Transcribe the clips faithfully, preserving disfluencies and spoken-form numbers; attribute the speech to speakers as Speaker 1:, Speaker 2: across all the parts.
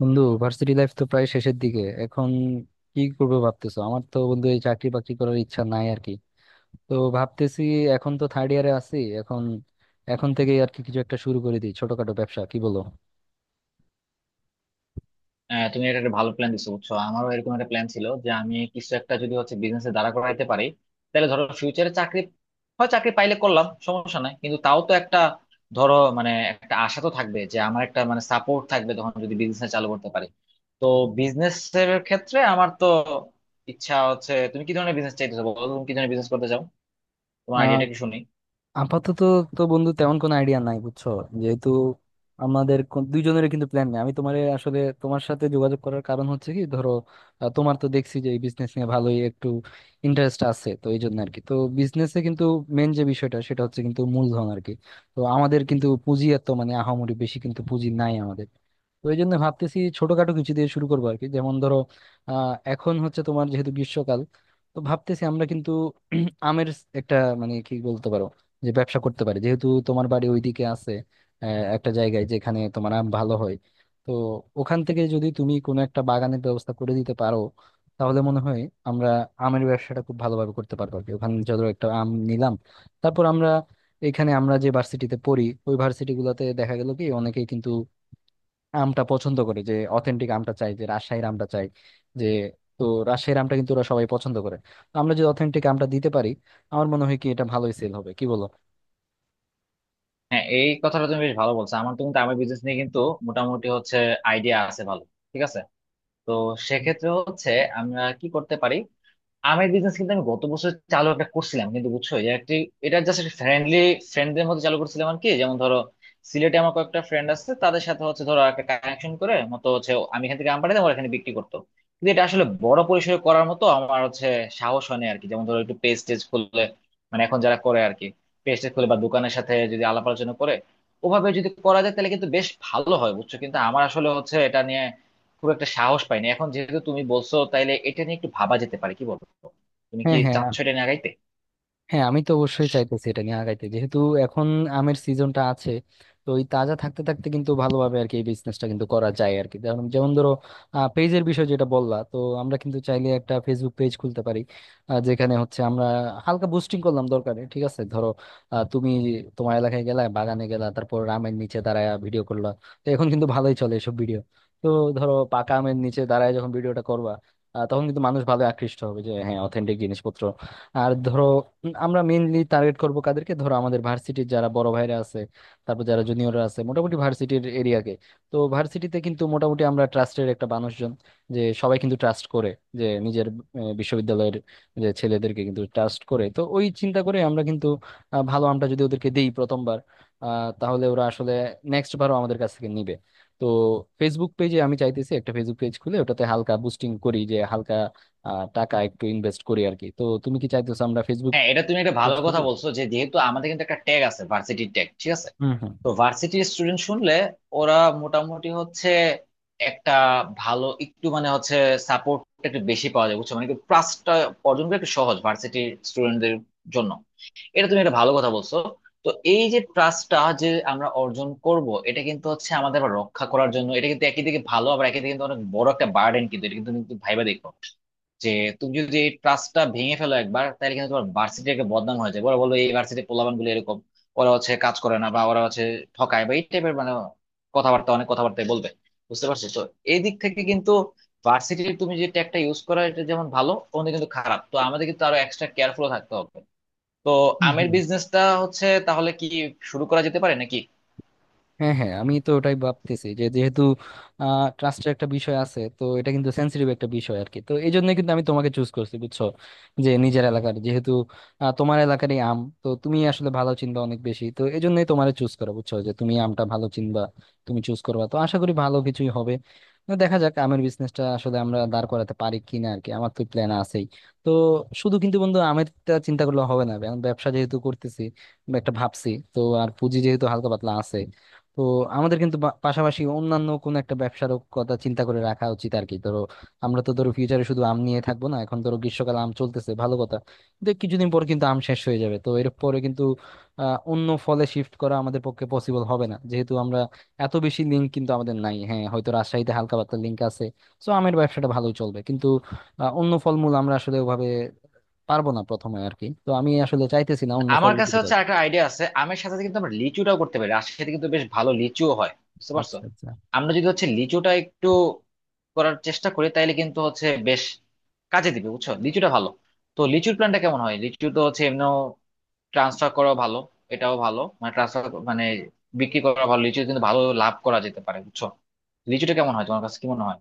Speaker 1: বন্ধু, varsity life তো প্রায় শেষের দিকে এখন। কি করবো ভাবতেছো? আমার তো বন্ধু এই চাকরি বাকরি করার ইচ্ছা নাই আর কি। তো ভাবতেছি, এখন তো থার্ড ইয়ারে আছি এখন এখন থেকে আর কি কিছু একটা শুরু করে দিই ছোটখাটো ব্যবসা, কি বলো?
Speaker 2: হ্যাঁ, তুমি এটা একটা ভালো প্ল্যান দিছো বুঝছো। আমারও এরকম একটা প্ল্যান ছিল যে আমি কিছু একটা যদি হচ্ছে বিজনেসে দাঁড়া করাইতে পারি, তাহলে ধরো ফিউচারে চাকরি হয়, চাকরি পাইলে করলাম, সমস্যা নাই, কিন্তু তাও তো একটা ধরো মানে একটা আশা তো থাকবে যে আমার একটা মানে সাপোর্ট থাকবে তখন যদি বিজনেস চালু করতে পারি। তো বিজনেস এর ক্ষেত্রে আমার তো ইচ্ছা হচ্ছে, তুমি কি ধরনের বিজনেস চাইতেছো বলো, তুমি কি ধরনের বিজনেস করতে চাও? তোমার আইডিয়াটা কি শুনি।
Speaker 1: আপাতত তো বন্ধু তেমন কোনো আইডিয়া নাই বুঝছো। যেহেতু আমাদের কোন- দুইজনেরই কিন্তু প্ল্যান নেই, আমি তোমার আসলে তোমার সাথে যোগাযোগ করার কারণ হচ্ছে কি, ধরো আহ, তোমার তো দেখছি যে এই বিজনেস নিয়ে ভালোই একটু ইন্টারেস্ট আছে, তো এই জন্য আর কি। তো বিজনেসে কিন্তু মেন যে বিষয়টা সেটা হচ্ছে কিন্তু মূলধন আর কি। তো আমাদের কিন্তু পুঁজি এত মানে আহামরি বেশি কিন্তু পুঁজি নাই আমাদের। তো এই জন্য ভাবতেছি ছোটখাটো কিছু দিয়ে শুরু করবো আর কি, যেমন ধরো আহ এখন হচ্ছে তোমার যেহেতু গ্রীষ্মকাল, তো ভাবতেছি আমরা কিন্তু আমের একটা, মানে কি বলতে পারো যে ব্যবসা করতে পারে, যেহেতু তোমার বাড়ি ওইদিকে আছে, আহ, একটা জায়গায় যেখানে তোমার আম ভালো হয়। তো ওখান থেকে যদি তুমি কোনো একটা বাগানের ব্যবস্থা করে দিতে পারো, তাহলে মনে হয় আমরা আমের ব্যবসাটা খুব ভালোভাবে করতে পারবো আর কি। ওখানে ধরো একটা আম নিলাম, তারপর আমরা এখানে আমরা যে ভার্সিটিতে পড়ি, ওই ভার্সিটি গুলোতে দেখা গেল কি অনেকেই কিন্তু আমটা পছন্দ করে, যে অথেন্টিক আমটা চাই, যে রাজশাহীর আমটা চাই যে। তো রাজশাহীর আমটা কিন্তু ওরা সবাই পছন্দ করে। তো আমরা যদি অথেন্টিক আমটা দিতে পারি, আমার মনে হয় কি এটা ভালোই সেল হবে, কি বলো?
Speaker 2: হ্যাঁ, এই কথাটা তুমি বেশ ভালো বলছো। আমার তো কিন্তু আমার বিজনেস নিয়ে কিন্তু মোটামুটি হচ্ছে আইডিয়া আছে ভালো। ঠিক আছে। তো সেক্ষেত্রে হচ্ছে আমরা কি করতে পারি, আমের বিজনেস কিন্তু আমি গত বছর চালু একটা করছিলাম, কিন্তু বুঝছো এটা একটি, এটা জাস্ট একটা ফ্রেন্ডলি ফ্রেন্ডদের মধ্যে চালু করছিলাম আর কি। যেমন ধরো সিলেটে আমার কয়েকটা ফ্রেন্ড আছে তাদের সাথে হচ্ছে ধরো একটা কানেকশন করে মতো হচ্ছে আমি এখান থেকে আম পাঠাতাম ওরা এখানে বিক্রি করতো। কিন্তু এটা আসলে বড় পরিসরে করার মতো আমার হচ্ছে সাহস হয় না আর কি। যেমন ধরো একটু পেজ টেজ খুললে, মানে এখন যারা করে আর কি, পেজ টেজ খুলে বা দোকানের সাথে যদি আলাপ আলোচনা করে, ওভাবে যদি করা যায় তাহলে কিন্তু বেশ ভালো হয় বুঝছো। কিন্তু আমার আসলে হচ্ছে এটা নিয়ে খুব একটা সাহস পাইনি। এখন যেহেতু তুমি বলছো তাইলে এটা নিয়ে একটু ভাবা যেতে পারে, কি বলবো। তুমি কি
Speaker 1: হ্যাঁ হ্যাঁ
Speaker 2: চাচ্ছ এটা নিয়ে আগাইতে?
Speaker 1: হ্যাঁ, আমি তো অবশ্যই চাইতেছি এটা নিয়ে আগাইতে, যেহেতু এখন আমের সিজনটা আছে। তো ওই তাজা থাকতে থাকতে কিন্তু ভালোভাবে আর কি এই বিজনেসটা কিন্তু করা যায় আর কি, যেমন যেমন ধরো পেজের বিষয় যেটা বললা, তো আমরা কিন্তু চাইলে একটা ফেসবুক পেজ খুলতে পারি, আহ, যেখানে হচ্ছে আমরা হালকা বুস্টিং করলাম দরকারে, ঠিক আছে? ধরো আহ, তুমি তোমার এলাকায় গেলা, বাগানে গেলা, তারপর আমের নিচে দাঁড়ায় ভিডিও করলা। তো এখন কিন্তু ভালোই চলে এসব ভিডিও। তো ধরো পাকা আমের নিচে দাঁড়ায় যখন ভিডিওটা করবা, আহ, তখন কিন্তু মানুষ ভালো আকৃষ্ট হবে যে হ্যাঁ অথেন্টিক জিনিসপত্র। আর ধরো উম, আমরা মেইনলি টার্গেট করব কাদেরকে, ধরো আমাদের ভার্সিটির যারা বড় ভাইরা আছে, তারপর যারা জুনিয়ররা আছে, মোটামুটি ভার্সিটির এরিয়াকে। তো ভার্সিটিতে কিন্তু মোটামুটি আমরা ট্রাস্টের একটা মানুষজন, যে সবাই কিন্তু ট্রাস্ট করে যে নিজের আহ, বিশ্ববিদ্যালয়ের যে ছেলেদেরকে কিন্তু ট্রাস্ট করে। তো ওই চিন্তা করে আমরা কিন্তু আহ, ভালো আমটা যদি ওদেরকে দেই প্রথমবার, আহ, তাহলে ওরা আসলে নেক্সট বারও আমাদের কাছ থেকে নিবে। তো ফেসবুক পেজে আমি চাইতেছি একটা ফেসবুক পেজ খুলে ওটাতে হালকা বুস্টিং করি, যে হালকা আহ, টাকা একটু ইনভেস্ট করি আর কি। তো তুমি কি চাইতেছো আমরা ফেসবুক
Speaker 2: হ্যাঁ, এটা তুমি একটা ভালো
Speaker 1: বুঝলি?
Speaker 2: কথা বলছো যে যেহেতু আমাদের কিন্তু একটা ট্যাগ আছে, ভার্সিটির ট্যাগ। ঠিক আছে।
Speaker 1: হুম হুম।
Speaker 2: তো ভার্সিটির স্টুডেন্ট শুনলে ওরা মোটামুটি হচ্ছে একটা ভালো একটু মানে হচ্ছে সাপোর্ট একটু বেশি পাওয়া যায় বুঝছো। মানে কি প্লাসটা অর্জন করা একটু সহজ ভার্সিটির স্টুডেন্টদের জন্য। এটা তুমি একটা ভালো কথা বলছো। তো এই যে ট্রাস্টটা যে আমরা অর্জন করব, এটা কিন্তু হচ্ছে আমাদের আবার রক্ষা করার জন্য এটা কিন্তু একই দিকে ভালো, আবার একই দিকে কিন্তু অনেক বড় একটা বার্ডেন। কিন্তু এটা কিন্তু তুমি ভাইবা দেখো, যে তুমি যদি এই ট্রাস্টটা ভেঙে ফেলো একবার, তাহলে কিন্তু তোমার ভার্সিটি একটা বদনাম হয়ে যায়। ওরা বলবো এই ভার্সিটির পোলাপান গুলো এরকম, ওরা হচ্ছে কাজ করে না, বা ওরা হচ্ছে ঠকায়, বা এই টাইপের মানে কথাবার্তা, অনেক কথাবার্তায় বলবে। বুঝতে পারছো তো? এই দিক থেকে কিন্তু ভার্সিটির তুমি যে ট্যাগটা ইউজ করো এটা যেমন ভালো, ওখানে কিন্তু খারাপ। তো আমাদের কিন্তু আরো এক্সট্রা কেয়ারফুল থাকতে হবে। তো
Speaker 1: হুম
Speaker 2: আমের
Speaker 1: হুম।
Speaker 2: বিজনেসটা হচ্ছে তাহলে কি শুরু করা যেতে পারে নাকি?
Speaker 1: হ্যাঁ হ্যাঁ, আমি তো ওটাই ভাবতেছি যে যেহেতু ট্রাস্টের একটা বিষয় আছে, তো এটা কিন্তু সেন্সিটিভ একটা বিষয় আর কি। তো এই জন্য কিন্তু আমি তোমাকে চুজ করছি বুঝছো, যে নিজের এলাকার যেহেতু আহ, তোমার এলাকারই আম, তো তুমি আসলে ভালো চিনবা অনেক বেশি, তো এই জন্যই তোমার চুজ করা বুঝছো, যে তুমি আমটা ভালো চিনবা, তুমি চুজ করবা, তো আশা করি ভালো কিছুই হবে। তো দেখা যাক আমের বিজনেসটা আসলে আমরা দাঁড় করাতে পারি কিনা আর কি, আমার তো প্ল্যান আছেই। তো শুধু কিন্তু বন্ধু আমেরটা চিন্তা করলে হবে না, কারণ ব্যবসা যেহেতু করতেছি বা একটা ভাবছি, তো আর পুঁজি যেহেতু হালকা পাতলা আছে, তো আমাদের কিন্তু বা- পাশাপাশি অন্যান্য কোন একটা ব্যবসারও কথা চিন্তা করে রাখা উচিত আর কি। ধরো আমরা তো ধরো ফিউচারে শুধু আম নিয়ে থাকবো না, এখন ধরো গ্রীষ্মকালে আম চলতেছে, ভালো কথা, কিন্তু কিছুদিন পর কিন্তু আম শেষ হয়ে যাবে। তো এর পরে কিন্তু আহ, অন্য ফলে শিফট করা আমাদের পক্ষে পসিবল হবে না, যেহেতু আমরা এত বেশি লিঙ্ক কিন্তু আমাদের নাই, হ্যাঁ হয়তো রাজশাহীতে হালকা পাতলা লিঙ্ক আছে, তো আমের ব্যবসাটা ভালোই চলবে, কিন্তু আহ, অন্য ফলমূল আমরা আসলে ওভাবে পারবো না প্রথমে আর কি। তো আমি আসলে চাইতেছি না অন্য
Speaker 2: আমার
Speaker 1: ফলের
Speaker 2: কাছে
Speaker 1: দিকে
Speaker 2: হচ্ছে
Speaker 1: যাইতে।
Speaker 2: একটা আইডিয়া আছে, আমের সাথে সাথে কিন্তু আমরা লিচুটাও করতে পারি। রাজশাহীতে কিন্তু বেশ ভালো লিচুও হয় বুঝতে পারছো।
Speaker 1: আচ্ছা আচ্ছা।
Speaker 2: আমরা যদি হচ্ছে লিচুটা একটু করার চেষ্টা করি তাইলে কিন্তু হচ্ছে বেশ কাজে দিবে বুঝছো, লিচুটা ভালো। তো লিচুর প্ল্যানটা কেমন হয়, লিচু তো হচ্ছে এমনিও ট্রান্সফার করা ভালো, এটাও ভালো, মানে ট্রান্সফার মানে বিক্রি করা ভালো। লিচু কিন্তু ভালো লাভ করা যেতে পারে বুঝছো। লিচুটা কেমন হয়, তোমার কাছে কি মনে হয়?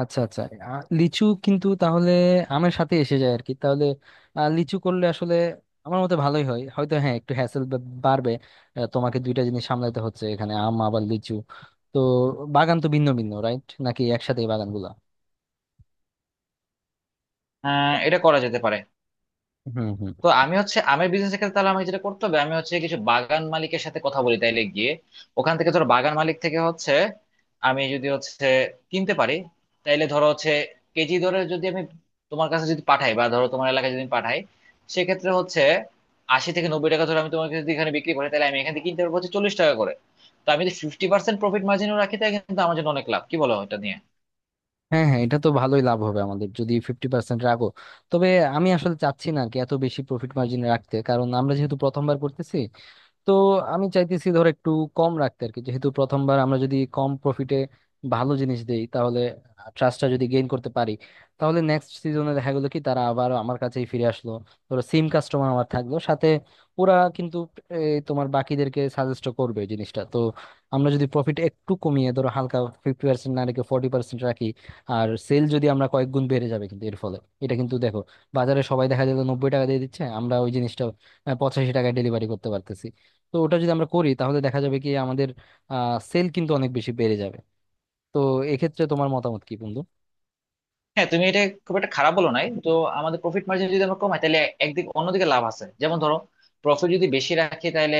Speaker 1: আচ্ছা আচ্ছা। আ- লিচু কিন্তু তাহলে আমের সাথে এসে যায় আর কি। তাহলে আ, লিচু করলে আসলে আমার মতে ভালোই হয়, হয়তো হ্যাঁ একটু হ্যাসেল বাড়বে। আ, তোমাকে দুইটা জিনিস সামলাইতে হচ্ছে এখানে, আম আবার লিচু। তো বাগান তো ভিন্ন ভিন্ন, রাইট? নাকি একসাথে বাগানগুলা?
Speaker 2: হ্যাঁ, এটা করা যেতে পারে।
Speaker 1: হুম হুম।
Speaker 2: তো আমি হচ্ছে আমের বিজনেস ক্ষেত্রে তাহলে আমি যেটা করতে হবে আমি হচ্ছে কিছু বাগান মালিকের সাথে কথা বলি তাইলে গিয়ে, ওখান থেকে ধরো বাগান মালিক থেকে হচ্ছে আমি যদি হচ্ছে কিনতে পারি, তাইলে ধরো হচ্ছে কেজি ধরে যদি আমি তোমার কাছে যদি পাঠাই বা ধরো তোমার এলাকায় যদি আমি পাঠাই, সেক্ষেত্রে হচ্ছে আশি থেকে নব্বই টাকা ধরে আমি তোমার কাছে যদি এখানে বিক্রি করি, তাহলে আমি এখান থেকে কিনতে পারবো হচ্ছে চল্লিশ টাকা করে। তো আমি যদি ফিফটি পার্সেন্ট প্রফিট মার্জিনও রাখি তাহলে কিন্তু আমার জন্য অনেক লাভ, কি বলো এটা নিয়ে?
Speaker 1: হ্যাঁ হ্যাঁ, এটা তো ভালোই লাভ হবে আমাদের যদি ফিফটি পার্সেন্ট রাখো। তবে আমি আসলে চাচ্ছি না আর কি এত বেশি প্রফিট মার্জিন রাখতে, কারণ আমরা যেহেতু প্রথমবার করতেছি। তো আমি চাইতেছি ধর একটু কম রাখতে আর কি। যেহেতু প্রথমবার, আমরা যদি কম প্রফিটে ভালো জিনিস দেই তাহলে ট্রাস্টটা যদি গেইন করতে পারি, তাহলে নেক্সট সিজনে দেখা গেলো কি তারা আবার আমার কাছেই ফিরে আসলো, ধরো সিম কাস্টমার আমার থাকলো সাথে। ওরা কিন্তু এই, তোমার বাকিদেরকে সাজেস্ট করবে জিনিসটা। তো আমরা যদি প্রফিট একটু কমিয়ে ধরো হালকা, ফিফটি পার্সেন্ট না রেখে ফর্টি পার্সেন্ট রাখি, আর সেল যদি আমরা কয়েক গুণ বেড়ে যাবে কিন্তু এর ফলে। এটা কিন্তু দেখো, বাজারে সবাই দেখা যায় নব্বই টাকা দিয়ে দিচ্ছে, আমরা ওই জিনিসটা পঁচাশি টাকায় ডেলিভারি করতে পারতেছি। তো ওটা যদি আমরা করি তাহলে দেখা যাবে কি আমাদের আহ সেল কিন্তু অনেক বেশি বেড়ে যাবে। তো এক্ষেত্রে তোমার মতামত কি বন্ধু?
Speaker 2: হ্যাঁ, তুমি এটা খুব একটা খারাপ বলো নাই তো। আমাদের প্রফিট মার্জিন যদি আমরা কমাই তাহলে একদিক অন্যদিকে লাভ আছে। যেমন ধরো, প্রফিট যদি বেশি রাখি তাহলে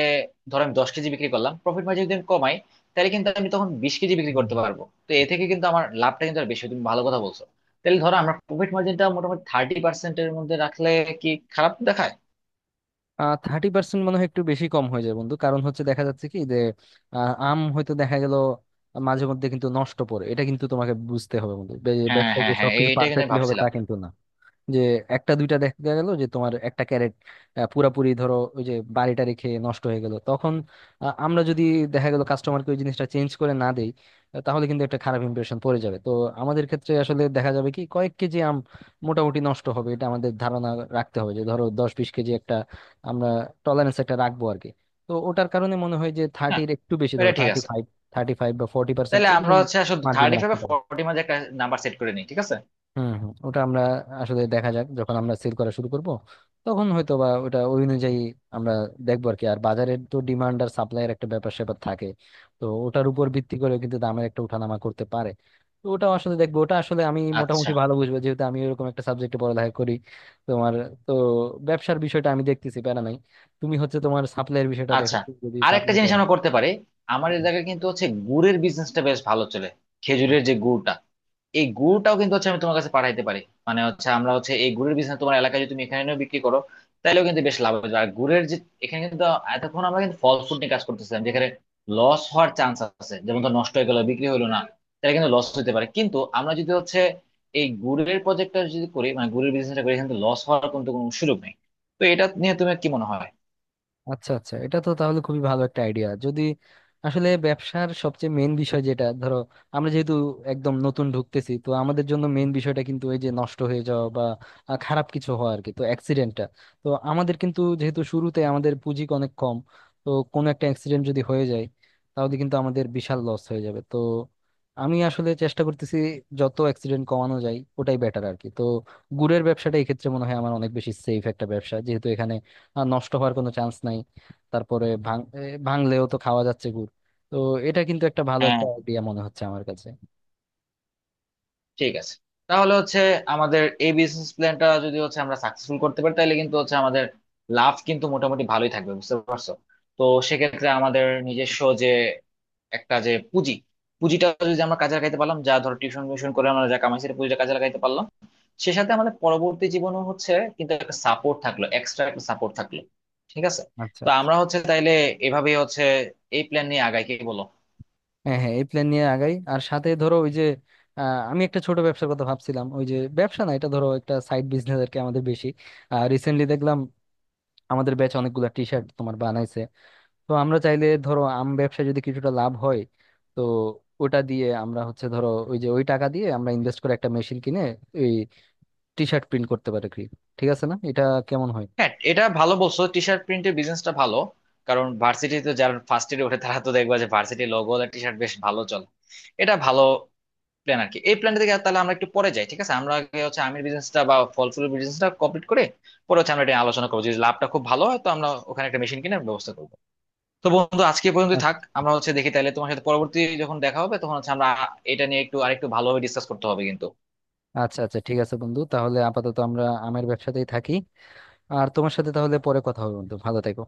Speaker 2: ধরো আমি দশ কেজি বিক্রি করলাম, প্রফিট মার্জিন যদি আমি কমাই তাহলে কিন্তু আমি তখন বিশ কেজি বিক্রি
Speaker 1: হুম।
Speaker 2: করতে পারবো। তো এ থেকে কিন্তু আমার লাভটা কিন্তু আর বেশি হয়। তুমি ভালো কথা বলছো। তাহলে ধরো আমরা প্রফিট মার্জিনটা মোটামুটি থার্টি পার্সেন্টের মধ্যে রাখলে কি খারাপ দেখায়?
Speaker 1: আহ, থার্টি পার্সেন্ট মনে হয় একটু বেশি কম হয়ে যায় বন্ধু, কারণ হচ্ছে দেখা যাচ্ছে কি যে আহ, আম হয়তো দেখা গেল মাঝে মধ্যে কিন্তু নষ্ট পড়ে, এটা কিন্তু তোমাকে বুঝতে হবে বন্ধু। বে-
Speaker 2: হ্যাঁ,
Speaker 1: ব্যবসায় যে
Speaker 2: হ্যাঁ, হ্যাঁ,
Speaker 1: সবকিছু
Speaker 2: এইটা কিন্তু আমি
Speaker 1: পারফেক্টলি হবে তা
Speaker 2: ভাবছিলাম।
Speaker 1: কিন্তু না। যে একটা দুইটা দেখা গেল যে তোমার একটা ক্যারেট আহ, পুরাপুরি ধরো ওই যে বাড়িটা রেখে নষ্ট হয়ে গেল তখন, আ, আমরা যদি দেখা গেল কাস্টমারকে ওই জিনিসটা চেঞ্জ করে না দেই, আ, তাহলে কিন্তু একটা খারাপ ইমপ্রেশন পড়ে যাবে। তো আমাদের ক্ষেত্রে আসলে দেখা যাবে কি কয়েক কেজি আম মোটামুটি নষ্ট হবে, এটা আমাদের ধারণা রাখতে হবে যে ধরো দশ বিশ কেজি একটা আমরা টলারেন্স একটা রাখবো আর কি। তো ওটার কারণে মনে হয় যে
Speaker 2: হ্যাঁ,
Speaker 1: থার্টির একটু বেশি, ধরো
Speaker 2: এটা ঠিক
Speaker 1: থার্টি
Speaker 2: আছে।
Speaker 1: ফাইভ থার্টি ফাইভ বা ফোর্টি পার্সেন্ট
Speaker 2: তাহলে আমরা
Speaker 1: এরকম
Speaker 2: হচ্ছে আসলে
Speaker 1: মার্জিন
Speaker 2: থার্টি ফাইভ
Speaker 1: রাখতে
Speaker 2: বা
Speaker 1: পারে।
Speaker 2: ফোর্টির মধ্যে একটা নাম্বার সেট করে নিই, ঠিক আছে।
Speaker 1: হুম হুম, ওটা আমরা আসলে দেখা যাক যখন আমরা সেল করা শুরু করব, তখন হয়তো বা ওটা ওই অনুযায়ী আমরা দেখবো আর কি। আর বাজারের তো ডিমান্ড আর সাপ্লাইয়ের একটা ব্যাপার স্যাপার থাকে, তো ওটার উপর ভিত্তি করে কিন্তু দামের একটা উঠানামা করতে পারে। তো ওটা আসলে দেখবো, ওটা আসলে আমি
Speaker 2: আচ্ছা,
Speaker 1: মোটামুটি ভালো বুঝবো যেহেতু আমি ওরকম একটা সাবজেক্টে পড়ালেখা করি। তোমার তো ব্যবসার বিষয়টা আমি দেখতেছি প্যারা নাই, তুমি হচ্ছে তোমার সাপ্লাইয়ের বিষয়টা দেখো,
Speaker 2: আচ্ছা।
Speaker 1: তুমি যদি
Speaker 2: আর একটা
Speaker 1: সাপ্লাই
Speaker 2: জিনিস
Speaker 1: করা
Speaker 2: আমরা করতে পারি, আমার
Speaker 1: হয়।
Speaker 2: এলাকায় কিন্তু হচ্ছে গুড়ের বিজনেসটা বেশ ভালো চলে। খেজুরের যে গুড়টা, এই গুড়টাও কিন্তু হচ্ছে আমি তোমার কাছে পাঠাইতে পারি। মানে হচ্ছে আমরা হচ্ছে এই গুড়ের বিজনেস তোমার এলাকায় যদি তুমি এখানে এনেও বিক্রি করো, তাহলেও কিন্তু বেশ লাভ হবে। আর গুড়ের যে, এখানে কিন্তু এতক্ষণ আমরা কিন্তু ফল ফুড নিয়ে কাজ করতেছিলাম যেখানে লস হওয়ার চান্স আছে, যেমন ধর নষ্ট হয়ে গেল, বিক্রি হলো না, তাহলে কিন্তু লস হতে পারে। কিন্তু আমরা যদি হচ্ছে এই গুড়ের প্রজেক্টটা যদি করি, মানে গুড়ের বিজনেসটা করি, কিন্তু লস হওয়ার কিন্তু কোনো সুযোগ নেই। তো এটা নিয়ে তুমি কি মনে
Speaker 1: আচ্ছা আচ্ছা, এটা তো তাহলে খুবই ভালো একটা আইডিয়া। যদি আসলে ব্যবসার সবচেয়ে মেন বিষয় যেটা, ধরো আমরা যেহেতু একদম নতুন ঢুকতেছি, তো আমাদের জন্য মেন বিষয়টা কিন্তু এই যে নষ্ট হয়ে যাওয়া বা আহ, খারাপ কিছু হওয়া আর কি, তো অ্যাক্সিডেন্টটা। তো আমাদের কিন্তু যেহেতু শুরুতে আমাদের পুঁজি অনেক কম, তো কোনো একটা অ্যাক্সিডেন্ট যদি হয়ে যায় তাহলে কিন্তু আমাদের বিশাল লস হয়ে যাবে। তো আমি আসলে চেষ্টা করতেছি যত অ্যাক্সিডেন্ট কমানো যায় ওটাই বেটার আর কি। তো গুড়ের ব্যবসাটা এই ক্ষেত্রে মনে হয় আমার অনেক বেশি সেফ একটা ব্যবসা, যেহেতু এখানে আর নষ্ট হওয়ার কোনো চান্স নাই। তারপরে ভাঙ এ, ভাঙলেও তো খাওয়া যাচ্ছে গুড়। তো এটা কিন্তু একটা ভালো একটা
Speaker 2: হয়?
Speaker 1: আইডিয়া মনে হচ্ছে আমার কাছে।
Speaker 2: ঠিক আছে। তাহলে হচ্ছে আমাদের এই বিজনেস প্ল্যানটা যদি হচ্ছে আমরা সাকসেসফুল করতে পারি, তাহলে কিন্তু হচ্ছে আমাদের লাভ কিন্তু মোটামুটি ভালোই থাকবে বুঝতে পারছো। তো সেক্ষেত্রে আমাদের নিজস্ব যে একটা যে পুঁজি, পুঁজিটা যদি আমরা কাজে লাগাইতে পারলাম, যা ধরো টিউশন মিউশন করে আমরা যা কামাইছি সেই পুঁজিটা কাজে লাগাইতে পারলাম, সে সাথে আমাদের পরবর্তী জীবনও হচ্ছে কিন্তু একটা সাপোর্ট থাকলো, এক্সট্রা একটা সাপোর্ট থাকলো। ঠিক আছে।
Speaker 1: আচ্ছা
Speaker 2: তো
Speaker 1: আচ্ছা।
Speaker 2: আমরা হচ্ছে তাইলে এভাবেই হচ্ছে এই প্ল্যান নিয়ে আগাই, কি বলো?
Speaker 1: হ্যাঁ হ্যাঁ, এই প্ল্যান নিয়ে আগাই। আর সাথে ধরো ওই যে আহ, আমি একটা ছোট ব্যবসার কথা ভাবছিলাম, ওই যে ব্যবসা না, এটা ধরো একটা সাইড বিজনেস আর কি আমাদের বেশি। রিসেন্টলি দেখলাম আমাদের ব্যাচ অনেকগুলা টি শার্ট তোমার বানাইছে। তো আমরা চাইলে ধরো আম ব্যবসায় যদি কিছুটা লাভ হয়, তো ওটা দিয়ে আমরা হচ্ছে ধরো ওই যে ওই টাকা দিয়ে আমরা ইনভেস্ট করে একটা মেশিন কিনে ওই টি শার্ট প্রিন্ট করতে পারে কি? ঠিক আছে না? এটা কেমন হয়?
Speaker 2: হ্যাঁ, এটা ভালো বলছো, টি শার্ট প্রিন্টের বিজনেসটা ভালো। কারণ ভার্সিটিতে যারা ফার্স্ট ইয়ারে ওঠে তারা তো দেখবা যে ভার্সিটি লোগো আর টি শার্ট বেশ ভালো চলে। এটা ভালো প্ল্যান আর কি। এই প্ল্যানটা থেকে তাহলে আমরা একটু পরে যাই, ঠিক আছে। আমরা আগে হচ্ছে আমের বিজনেসটা বা ফল ফুলের বিজনেসটা কমপ্লিট করে, পরে হচ্ছে আমরা এটা নিয়ে আলোচনা করবো। যদি লাভটা খুব ভালো হয় তো আমরা ওখানে একটা মেশিন কেনার ব্যবস্থা করবো। তো বন্ধু, আজকে পর্যন্ত থাক, আমরা হচ্ছে দেখি তাহলে তোমার সাথে পরবর্তী যখন দেখা হবে তখন হচ্ছে আমরা এটা নিয়ে একটু আরেকটু ভালোভাবে ডিসকাস করতে হবে কিন্তু।
Speaker 1: আচ্ছা আচ্ছা, ঠিক আছে বন্ধু, তাহলে আপাতত আমরা আমের ব্যবসাতেই থাকি। আর তোমার সাথে তাহলে পরে কথা হবে বন্ধু, ভালো থেকো।